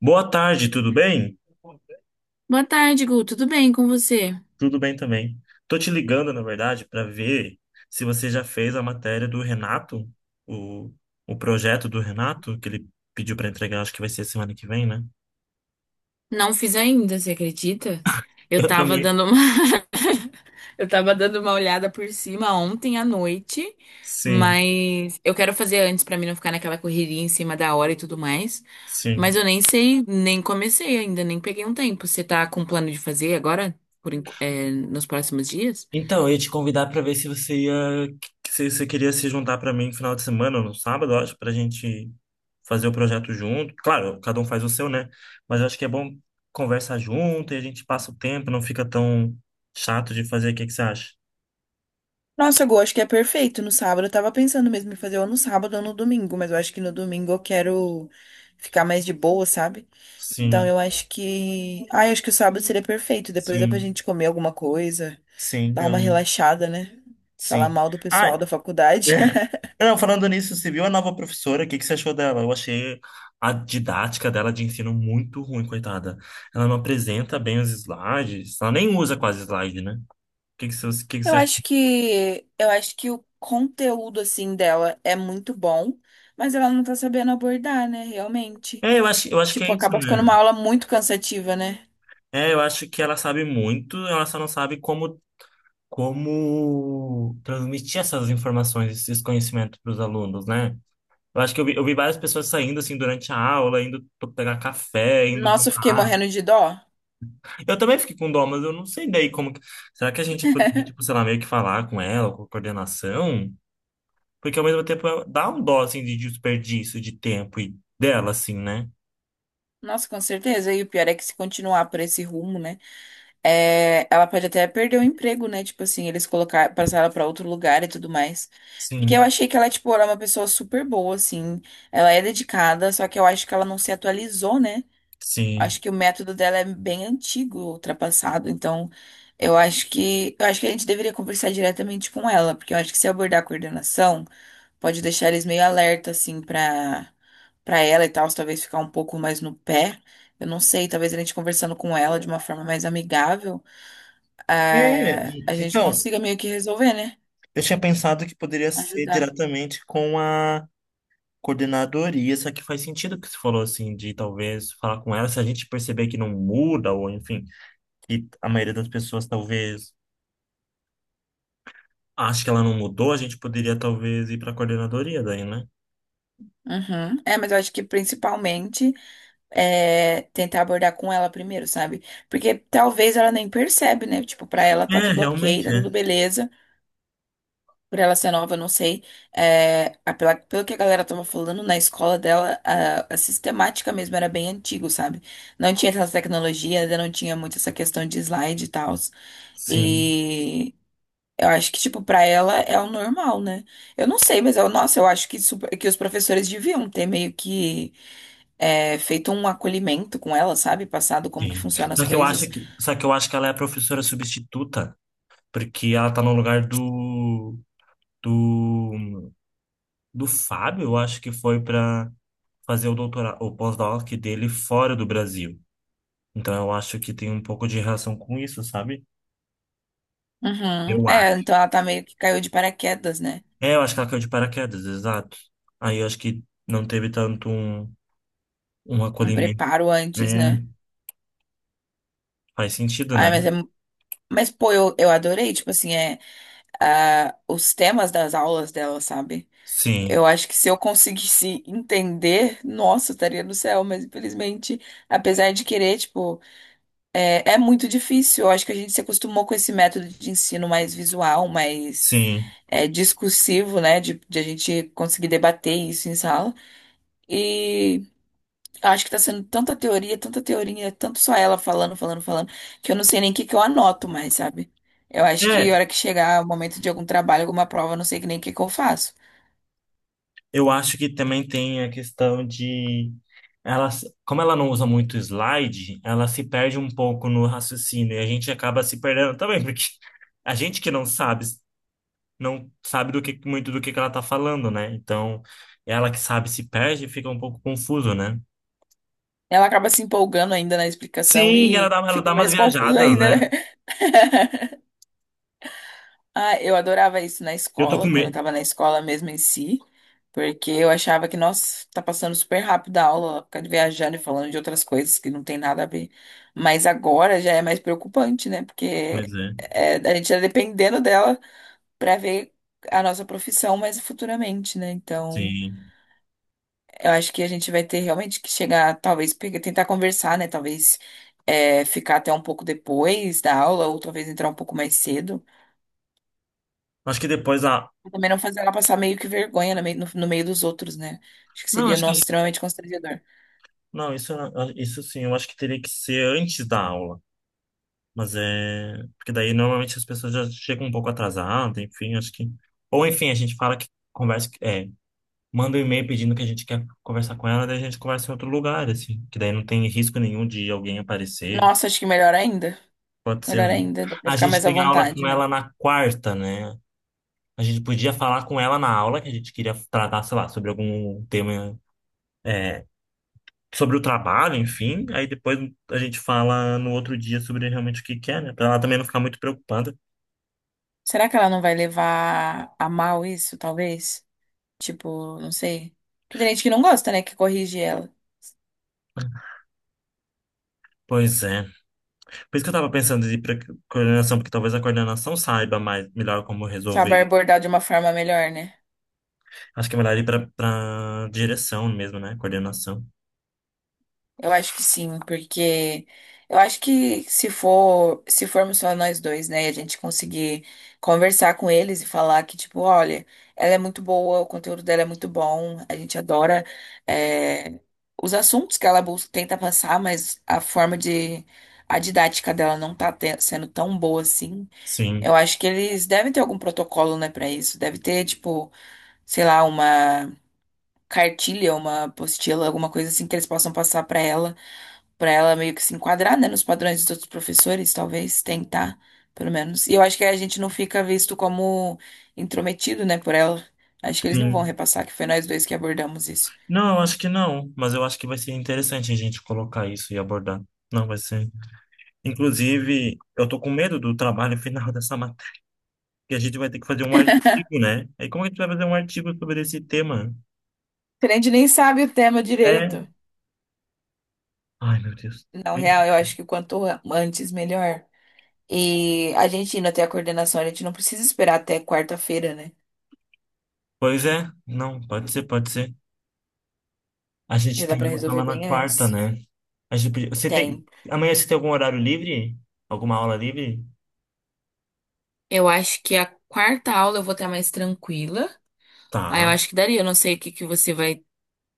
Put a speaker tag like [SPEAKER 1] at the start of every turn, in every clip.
[SPEAKER 1] Boa tarde, tudo bem?
[SPEAKER 2] Boa tarde, Gu. Tudo bem com você?
[SPEAKER 1] Tudo bem também. Tô te ligando, na verdade, para ver se você já fez a matéria do Renato, o, o projeto do Renato, que ele pediu para entregar, acho que vai ser semana que vem, né?
[SPEAKER 2] Não fiz ainda, você acredita? Eu
[SPEAKER 1] Eu
[SPEAKER 2] tava
[SPEAKER 1] também.
[SPEAKER 2] dando uma eu tava dando uma olhada por cima ontem à noite,
[SPEAKER 1] Sim,
[SPEAKER 2] mas eu quero fazer antes pra mim não ficar naquela correria em cima da hora e tudo mais. Mas
[SPEAKER 1] sim.
[SPEAKER 2] eu nem sei, nem comecei ainda, nem peguei um tempo. Você tá com plano de fazer agora, nos próximos dias?
[SPEAKER 1] Então, eu ia te convidar para ver se você ia, se você queria se juntar para mim no final de semana, no sábado, acho, para a gente fazer o projeto junto. Claro, cada um faz o seu, né? Mas eu acho que é bom conversar junto e a gente passa o tempo, não fica tão chato de fazer. O que que você acha?
[SPEAKER 2] Nossa, Gu, acho que é perfeito. No sábado, eu tava pensando mesmo em fazer ou no sábado ou no domingo, mas eu acho que no domingo eu quero ficar mais de boa, sabe? Então,
[SPEAKER 1] Sim,
[SPEAKER 2] eu acho que o sábado seria perfeito. Depois dá pra
[SPEAKER 1] sim,
[SPEAKER 2] gente comer alguma coisa,
[SPEAKER 1] sim,
[SPEAKER 2] dar
[SPEAKER 1] não,
[SPEAKER 2] uma relaxada, né? Falar
[SPEAKER 1] sim.
[SPEAKER 2] mal do
[SPEAKER 1] Ah,
[SPEAKER 2] pessoal da faculdade.
[SPEAKER 1] é. Não, falando nisso, você viu a nova professora? O que que você achou dela? Eu achei a didática dela de ensino muito ruim, coitada. Ela não apresenta bem os slides, ela nem usa quase slide, né? O que que você, o que que você achou?
[SPEAKER 2] Eu acho que o conteúdo, assim, dela é muito bom, mas ela não tá sabendo abordar, né? Realmente.
[SPEAKER 1] É, eu acho que
[SPEAKER 2] Tipo,
[SPEAKER 1] é isso,
[SPEAKER 2] acaba ficando
[SPEAKER 1] né?
[SPEAKER 2] uma aula muito cansativa, né?
[SPEAKER 1] É, eu acho que ela sabe muito, ela só não sabe como transmitir essas informações, esses conhecimentos para os alunos, né? Eu acho que eu vi várias pessoas saindo assim durante a aula, indo pegar café, indo
[SPEAKER 2] Nossa, eu
[SPEAKER 1] tomar
[SPEAKER 2] fiquei
[SPEAKER 1] água.
[SPEAKER 2] morrendo de dó.
[SPEAKER 1] Eu também fiquei com dó, mas eu não sei daí como. Será que a gente poderia, tipo, sei lá, meio que falar com ela, com a coordenação? Porque ao mesmo tempo dá um dó assim de desperdício de tempo e dela, assim, né?
[SPEAKER 2] Nossa, com certeza. E o pior é que se continuar por esse rumo, né? É, ela pode até perder o emprego, né? Tipo assim, eles colocar, passar ela pra outro lugar e tudo mais. Porque
[SPEAKER 1] Sim,
[SPEAKER 2] eu achei que ela, tipo, era uma pessoa super boa, assim. Ela é dedicada, só que eu acho que ela não se atualizou, né?
[SPEAKER 1] sim.
[SPEAKER 2] Acho que o método dela é bem antigo, ultrapassado. Então, eu acho que a gente deveria conversar diretamente com ela, porque eu acho que se abordar a coordenação, pode deixar eles meio alerta, assim, pra ela e tal, talvez ficar um pouco mais no pé. Eu não sei, talvez a gente conversando com ela de uma forma mais amigável
[SPEAKER 1] É,
[SPEAKER 2] a gente
[SPEAKER 1] então,
[SPEAKER 2] consiga meio que resolver, né?
[SPEAKER 1] eu tinha pensado que poderia ser
[SPEAKER 2] Ajudar.
[SPEAKER 1] diretamente com a coordenadoria, só que faz sentido o que você falou assim, de talvez falar com ela, se a gente perceber que não muda, ou enfim, que a maioria das pessoas talvez acha que ela não mudou, a gente poderia talvez ir para a coordenadoria daí, né?
[SPEAKER 2] Uhum. É, mas eu acho que principalmente é tentar abordar com ela primeiro, sabe? Porque talvez ela nem percebe, né? Tipo, pra ela tá
[SPEAKER 1] É,
[SPEAKER 2] tudo ok,
[SPEAKER 1] realmente
[SPEAKER 2] tá tudo
[SPEAKER 1] é.
[SPEAKER 2] beleza. Por ela ser nova, eu não sei. É, pelo que a galera tava falando, na escola dela, a sistemática mesmo era bem antigo, sabe? Não tinha essas tecnologias, ainda não tinha muito essa questão de slide e tal.
[SPEAKER 1] Sim,
[SPEAKER 2] e Eu acho que, tipo, pra ela é o normal, né? Eu não sei, mas eu, nossa, eu acho que, super- que os professores deviam ter meio que feito um acolhimento com ela, sabe? Passado como que
[SPEAKER 1] sim.
[SPEAKER 2] funcionam as
[SPEAKER 1] Só que eu
[SPEAKER 2] coisas.
[SPEAKER 1] acho que, só que eu acho que ela é a professora substituta, porque ela tá no lugar do do Fábio, eu acho que foi para fazer o doutorado, o pós-doc dele fora do Brasil. Então eu acho que tem um pouco de relação com isso, sabe?
[SPEAKER 2] Uhum.
[SPEAKER 1] Eu
[SPEAKER 2] É,
[SPEAKER 1] acho.
[SPEAKER 2] então ela tá meio que caiu de paraquedas, né?
[SPEAKER 1] É, eu acho que ela caiu de paraquedas, exato. Aí eu acho que não teve tanto um
[SPEAKER 2] Um
[SPEAKER 1] acolhimento.
[SPEAKER 2] preparo antes,
[SPEAKER 1] É,
[SPEAKER 2] né?
[SPEAKER 1] faz sentido, né?
[SPEAKER 2] Ai, mas é. Mas, pô, eu adorei, tipo assim, os temas das aulas dela, sabe? Eu
[SPEAKER 1] Sim,
[SPEAKER 2] acho que se eu conseguisse entender, nossa, eu estaria no céu, mas infelizmente, apesar de querer, tipo. É, é muito difícil. Eu acho que a gente se acostumou com esse método de ensino mais visual, mais
[SPEAKER 1] sim.
[SPEAKER 2] discursivo, né? De a gente conseguir debater isso em sala. E acho que tá sendo tanta teoria, tanto só ela falando, falando, falando, que eu não sei nem o que que eu anoto mais, sabe? Eu acho que a
[SPEAKER 1] É,
[SPEAKER 2] hora que chegar o momento de algum trabalho, alguma prova, eu não sei nem o que que eu faço.
[SPEAKER 1] eu acho que também tem a questão de ela, como ela não usa muito slide, ela se perde um pouco no raciocínio e a gente acaba se perdendo também, porque a gente que não sabe do que muito do que ela tá falando, né? Então, ela que sabe se perde e fica um pouco confuso, né?
[SPEAKER 2] Ela acaba se empolgando ainda na explicação
[SPEAKER 1] Sim, ela
[SPEAKER 2] e
[SPEAKER 1] dá, ela
[SPEAKER 2] fica
[SPEAKER 1] dá umas
[SPEAKER 2] mais confuso
[SPEAKER 1] viajadas,
[SPEAKER 2] ainda,
[SPEAKER 1] né?
[SPEAKER 2] né? Ah, eu adorava isso na
[SPEAKER 1] Eu tô com
[SPEAKER 2] escola, quando eu
[SPEAKER 1] medo.
[SPEAKER 2] tava na escola mesmo em si. Porque eu achava que, nossa, tá passando super rápido a aula, ficar viajando e falando de outras coisas que não tem nada a ver. Mas agora já é mais preocupante, né? Porque
[SPEAKER 1] Pois é,
[SPEAKER 2] a gente tá dependendo dela pra ver a nossa profissão mais futuramente, né? Então,
[SPEAKER 1] sim.
[SPEAKER 2] eu acho que a gente vai ter realmente que chegar, talvez, tentar conversar, né? Talvez ficar até um pouco depois da aula, ou talvez entrar um pouco mais cedo.
[SPEAKER 1] Acho que depois a.
[SPEAKER 2] Pra também não fazer ela passar meio que vergonha no meio, no no meio dos outros, né? Acho que
[SPEAKER 1] Não,
[SPEAKER 2] seria,
[SPEAKER 1] acho
[SPEAKER 2] nossa,
[SPEAKER 1] que.
[SPEAKER 2] extremamente constrangedor.
[SPEAKER 1] Não, isso, isso sim, eu acho que teria que ser antes da aula. Mas é. Porque daí normalmente as pessoas já chegam um pouco atrasadas, enfim, acho que. Ou enfim, a gente fala que conversa. É, manda um e-mail pedindo que a gente quer conversar com ela, daí a gente conversa em outro lugar, assim. Que daí não tem risco nenhum de alguém aparecer.
[SPEAKER 2] Nossa, acho que melhor ainda.
[SPEAKER 1] Pode ser, né?
[SPEAKER 2] Melhor ainda, dá pra
[SPEAKER 1] A
[SPEAKER 2] ficar
[SPEAKER 1] gente
[SPEAKER 2] mais à
[SPEAKER 1] tem aula
[SPEAKER 2] vontade,
[SPEAKER 1] com
[SPEAKER 2] né?
[SPEAKER 1] ela na quarta, né? A gente podia falar com ela na aula, que a gente queria tratar, sei lá, sobre algum tema. É, sobre o trabalho, enfim. Aí depois a gente fala no outro dia sobre realmente o que que é, né? Pra ela também não ficar muito preocupada.
[SPEAKER 2] Será que ela não vai levar a mal isso, talvez? Tipo, não sei. Porque tem gente que não gosta, né? Que corrige ela.
[SPEAKER 1] Pois é. Por isso que eu tava pensando em ir pra coordenação, porque talvez a coordenação saiba mais, melhor como resolver.
[SPEAKER 2] Sabe abordar de uma forma melhor, né?
[SPEAKER 1] Acho que é melhor ir pra direção mesmo, né? Coordenação.
[SPEAKER 2] Eu acho que sim, porque eu acho que se formos só nós dois, né, e a gente conseguir conversar com eles e falar que, tipo, olha, ela é muito boa, o conteúdo dela é muito bom, a gente adora, é, os assuntos que ela busca, tenta passar, mas a didática dela não tá sendo tão boa assim. Eu
[SPEAKER 1] Sim,
[SPEAKER 2] acho que eles devem ter algum protocolo, né, pra isso. Deve ter, tipo, sei lá, uma cartilha, uma apostila, alguma coisa assim que eles possam passar pra ela pra ela meio que se enquadrar, né, nos padrões dos outros professores, talvez tentar, pelo menos. E eu acho que a gente não fica visto como intrometido, né, por ela. Acho que eles não vão
[SPEAKER 1] sim.
[SPEAKER 2] repassar que foi nós dois que abordamos isso.
[SPEAKER 1] Não, eu acho que não, mas eu acho que vai ser interessante a gente colocar isso e abordar. Não, vai ser. Inclusive, eu tô com medo do trabalho final dessa matéria. Que a gente vai ter que fazer um artigo, né? Aí como é que a gente vai fazer um artigo sobre esse tema?
[SPEAKER 2] A gente nem sabe o tema
[SPEAKER 1] É.
[SPEAKER 2] direito.
[SPEAKER 1] Ai, meu Deus.
[SPEAKER 2] Não, real, eu acho que quanto antes, melhor. E a gente indo até a coordenação, a gente não precisa esperar até quarta-feira, né?
[SPEAKER 1] Pois é, não, pode ser, pode ser. A gente
[SPEAKER 2] Já dá
[SPEAKER 1] tem
[SPEAKER 2] pra
[SPEAKER 1] aula
[SPEAKER 2] resolver
[SPEAKER 1] lá na
[SPEAKER 2] bem
[SPEAKER 1] quarta,
[SPEAKER 2] antes.
[SPEAKER 1] né? Você tem.
[SPEAKER 2] Tem.
[SPEAKER 1] Amanhã você tem algum horário livre? Alguma aula livre?
[SPEAKER 2] Eu acho que a quarta aula eu vou estar mais tranquila. Aí eu
[SPEAKER 1] Tá.
[SPEAKER 2] acho que daria. Eu não sei o que que você vai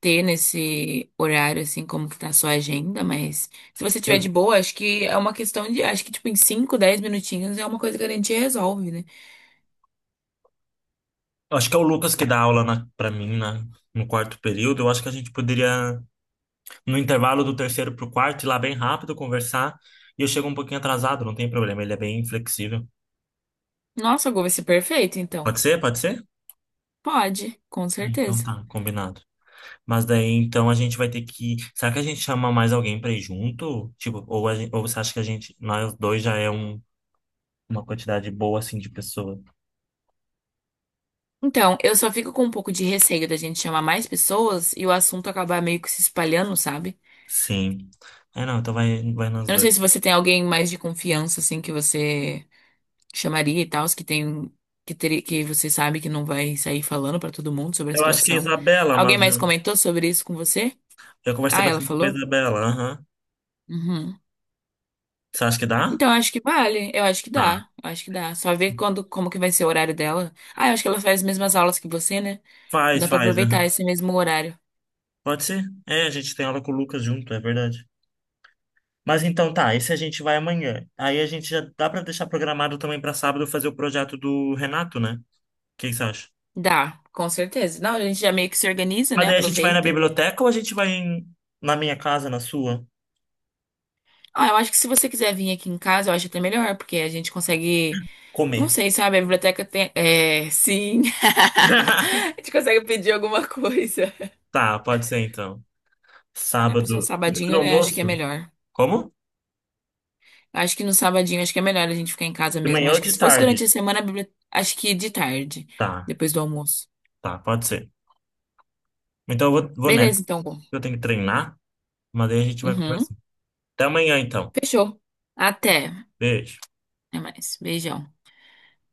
[SPEAKER 2] ter nesse horário, assim, como que tá a sua agenda, mas se você tiver
[SPEAKER 1] Eu
[SPEAKER 2] de boa, acho que é uma questão de, acho que, tipo, em 5 10 minutinhos é uma coisa que a gente resolve, né?
[SPEAKER 1] acho que é o Lucas que dá aula para mim no quarto período. Eu acho que a gente poderia, no intervalo do terceiro pro quarto, ir lá bem rápido, conversar. E eu chego um pouquinho atrasado, não tem problema. Ele é bem flexível.
[SPEAKER 2] Nossa, Gu, vai ser perfeito, então.
[SPEAKER 1] Pode ser? Pode ser?
[SPEAKER 2] Pode, com
[SPEAKER 1] Ah, então
[SPEAKER 2] certeza.
[SPEAKER 1] tá, combinado. Mas daí então a gente vai ter que. Será que a gente chama mais alguém pra ir junto? Tipo, ou você acha que a gente, nós dois já é uma quantidade boa assim de pessoa?
[SPEAKER 2] Então, eu só fico com um pouco de receio da gente chamar mais pessoas e o assunto acabar meio que se espalhando, sabe?
[SPEAKER 1] Sim. É, não, então vai, vai nós
[SPEAKER 2] Eu não
[SPEAKER 1] dois.
[SPEAKER 2] sei se você tem alguém mais de confiança, assim, que você chamaria e tal, os que tem, que, ter, que você sabe que não vai sair falando pra todo mundo sobre a
[SPEAKER 1] Eu acho que é
[SPEAKER 2] situação.
[SPEAKER 1] Isabela,
[SPEAKER 2] Alguém
[SPEAKER 1] mas
[SPEAKER 2] mais
[SPEAKER 1] eu,
[SPEAKER 2] comentou sobre isso com você?
[SPEAKER 1] eu conversei
[SPEAKER 2] Ah, ela
[SPEAKER 1] bastante com a
[SPEAKER 2] falou?
[SPEAKER 1] Isabela. Aham.
[SPEAKER 2] Uhum.
[SPEAKER 1] Você acha que dá?
[SPEAKER 2] Então, acho que vale. Eu acho que
[SPEAKER 1] Tá.
[SPEAKER 2] dá. Eu acho que dá. Só ver quando, como que vai ser o horário dela. Ah, eu acho que ela faz as mesmas aulas que você, né?
[SPEAKER 1] Faz,
[SPEAKER 2] Dá pra
[SPEAKER 1] faz.
[SPEAKER 2] aproveitar
[SPEAKER 1] Aham.
[SPEAKER 2] esse mesmo horário.
[SPEAKER 1] Pode ser? É, a gente tem aula com o Lucas junto, é verdade. Mas então tá, esse a gente vai amanhã. Aí a gente já dá pra deixar programado também pra sábado fazer o projeto do Renato, né? O que que você acha?
[SPEAKER 2] Dá, com certeza. Não, a gente já meio que se organiza,
[SPEAKER 1] Mas
[SPEAKER 2] né?
[SPEAKER 1] daí a gente vai na
[SPEAKER 2] Aproveita.
[SPEAKER 1] biblioteca ou a gente vai na minha casa, na sua,
[SPEAKER 2] Ah, eu acho que se você quiser vir aqui em casa, eu acho até melhor, porque a gente consegue. Não
[SPEAKER 1] comer?
[SPEAKER 2] sei, sabe? A biblioteca tem. É, sim. A gente consegue pedir alguma coisa.
[SPEAKER 1] Tá, pode ser então.
[SPEAKER 2] Né? Pra ser um
[SPEAKER 1] Sábado, depois do
[SPEAKER 2] sabadinho, né? Acho que é
[SPEAKER 1] almoço?
[SPEAKER 2] melhor.
[SPEAKER 1] Como?
[SPEAKER 2] Acho que no sabadinho, acho que é melhor a gente ficar em casa
[SPEAKER 1] De
[SPEAKER 2] mesmo.
[SPEAKER 1] manhã ou
[SPEAKER 2] Acho que
[SPEAKER 1] de
[SPEAKER 2] se fosse
[SPEAKER 1] tarde?
[SPEAKER 2] durante a semana, acho que de tarde,
[SPEAKER 1] Tá,
[SPEAKER 2] depois do almoço.
[SPEAKER 1] tá, pode ser. Então eu vou, vou
[SPEAKER 2] Beleza,
[SPEAKER 1] nessa.
[SPEAKER 2] então. Gu.
[SPEAKER 1] Eu tenho que treinar, mas daí a gente vai
[SPEAKER 2] Uhum.
[SPEAKER 1] conversar. Até amanhã então.
[SPEAKER 2] Fechou. Até.
[SPEAKER 1] Beijo.
[SPEAKER 2] Até mais. Beijão.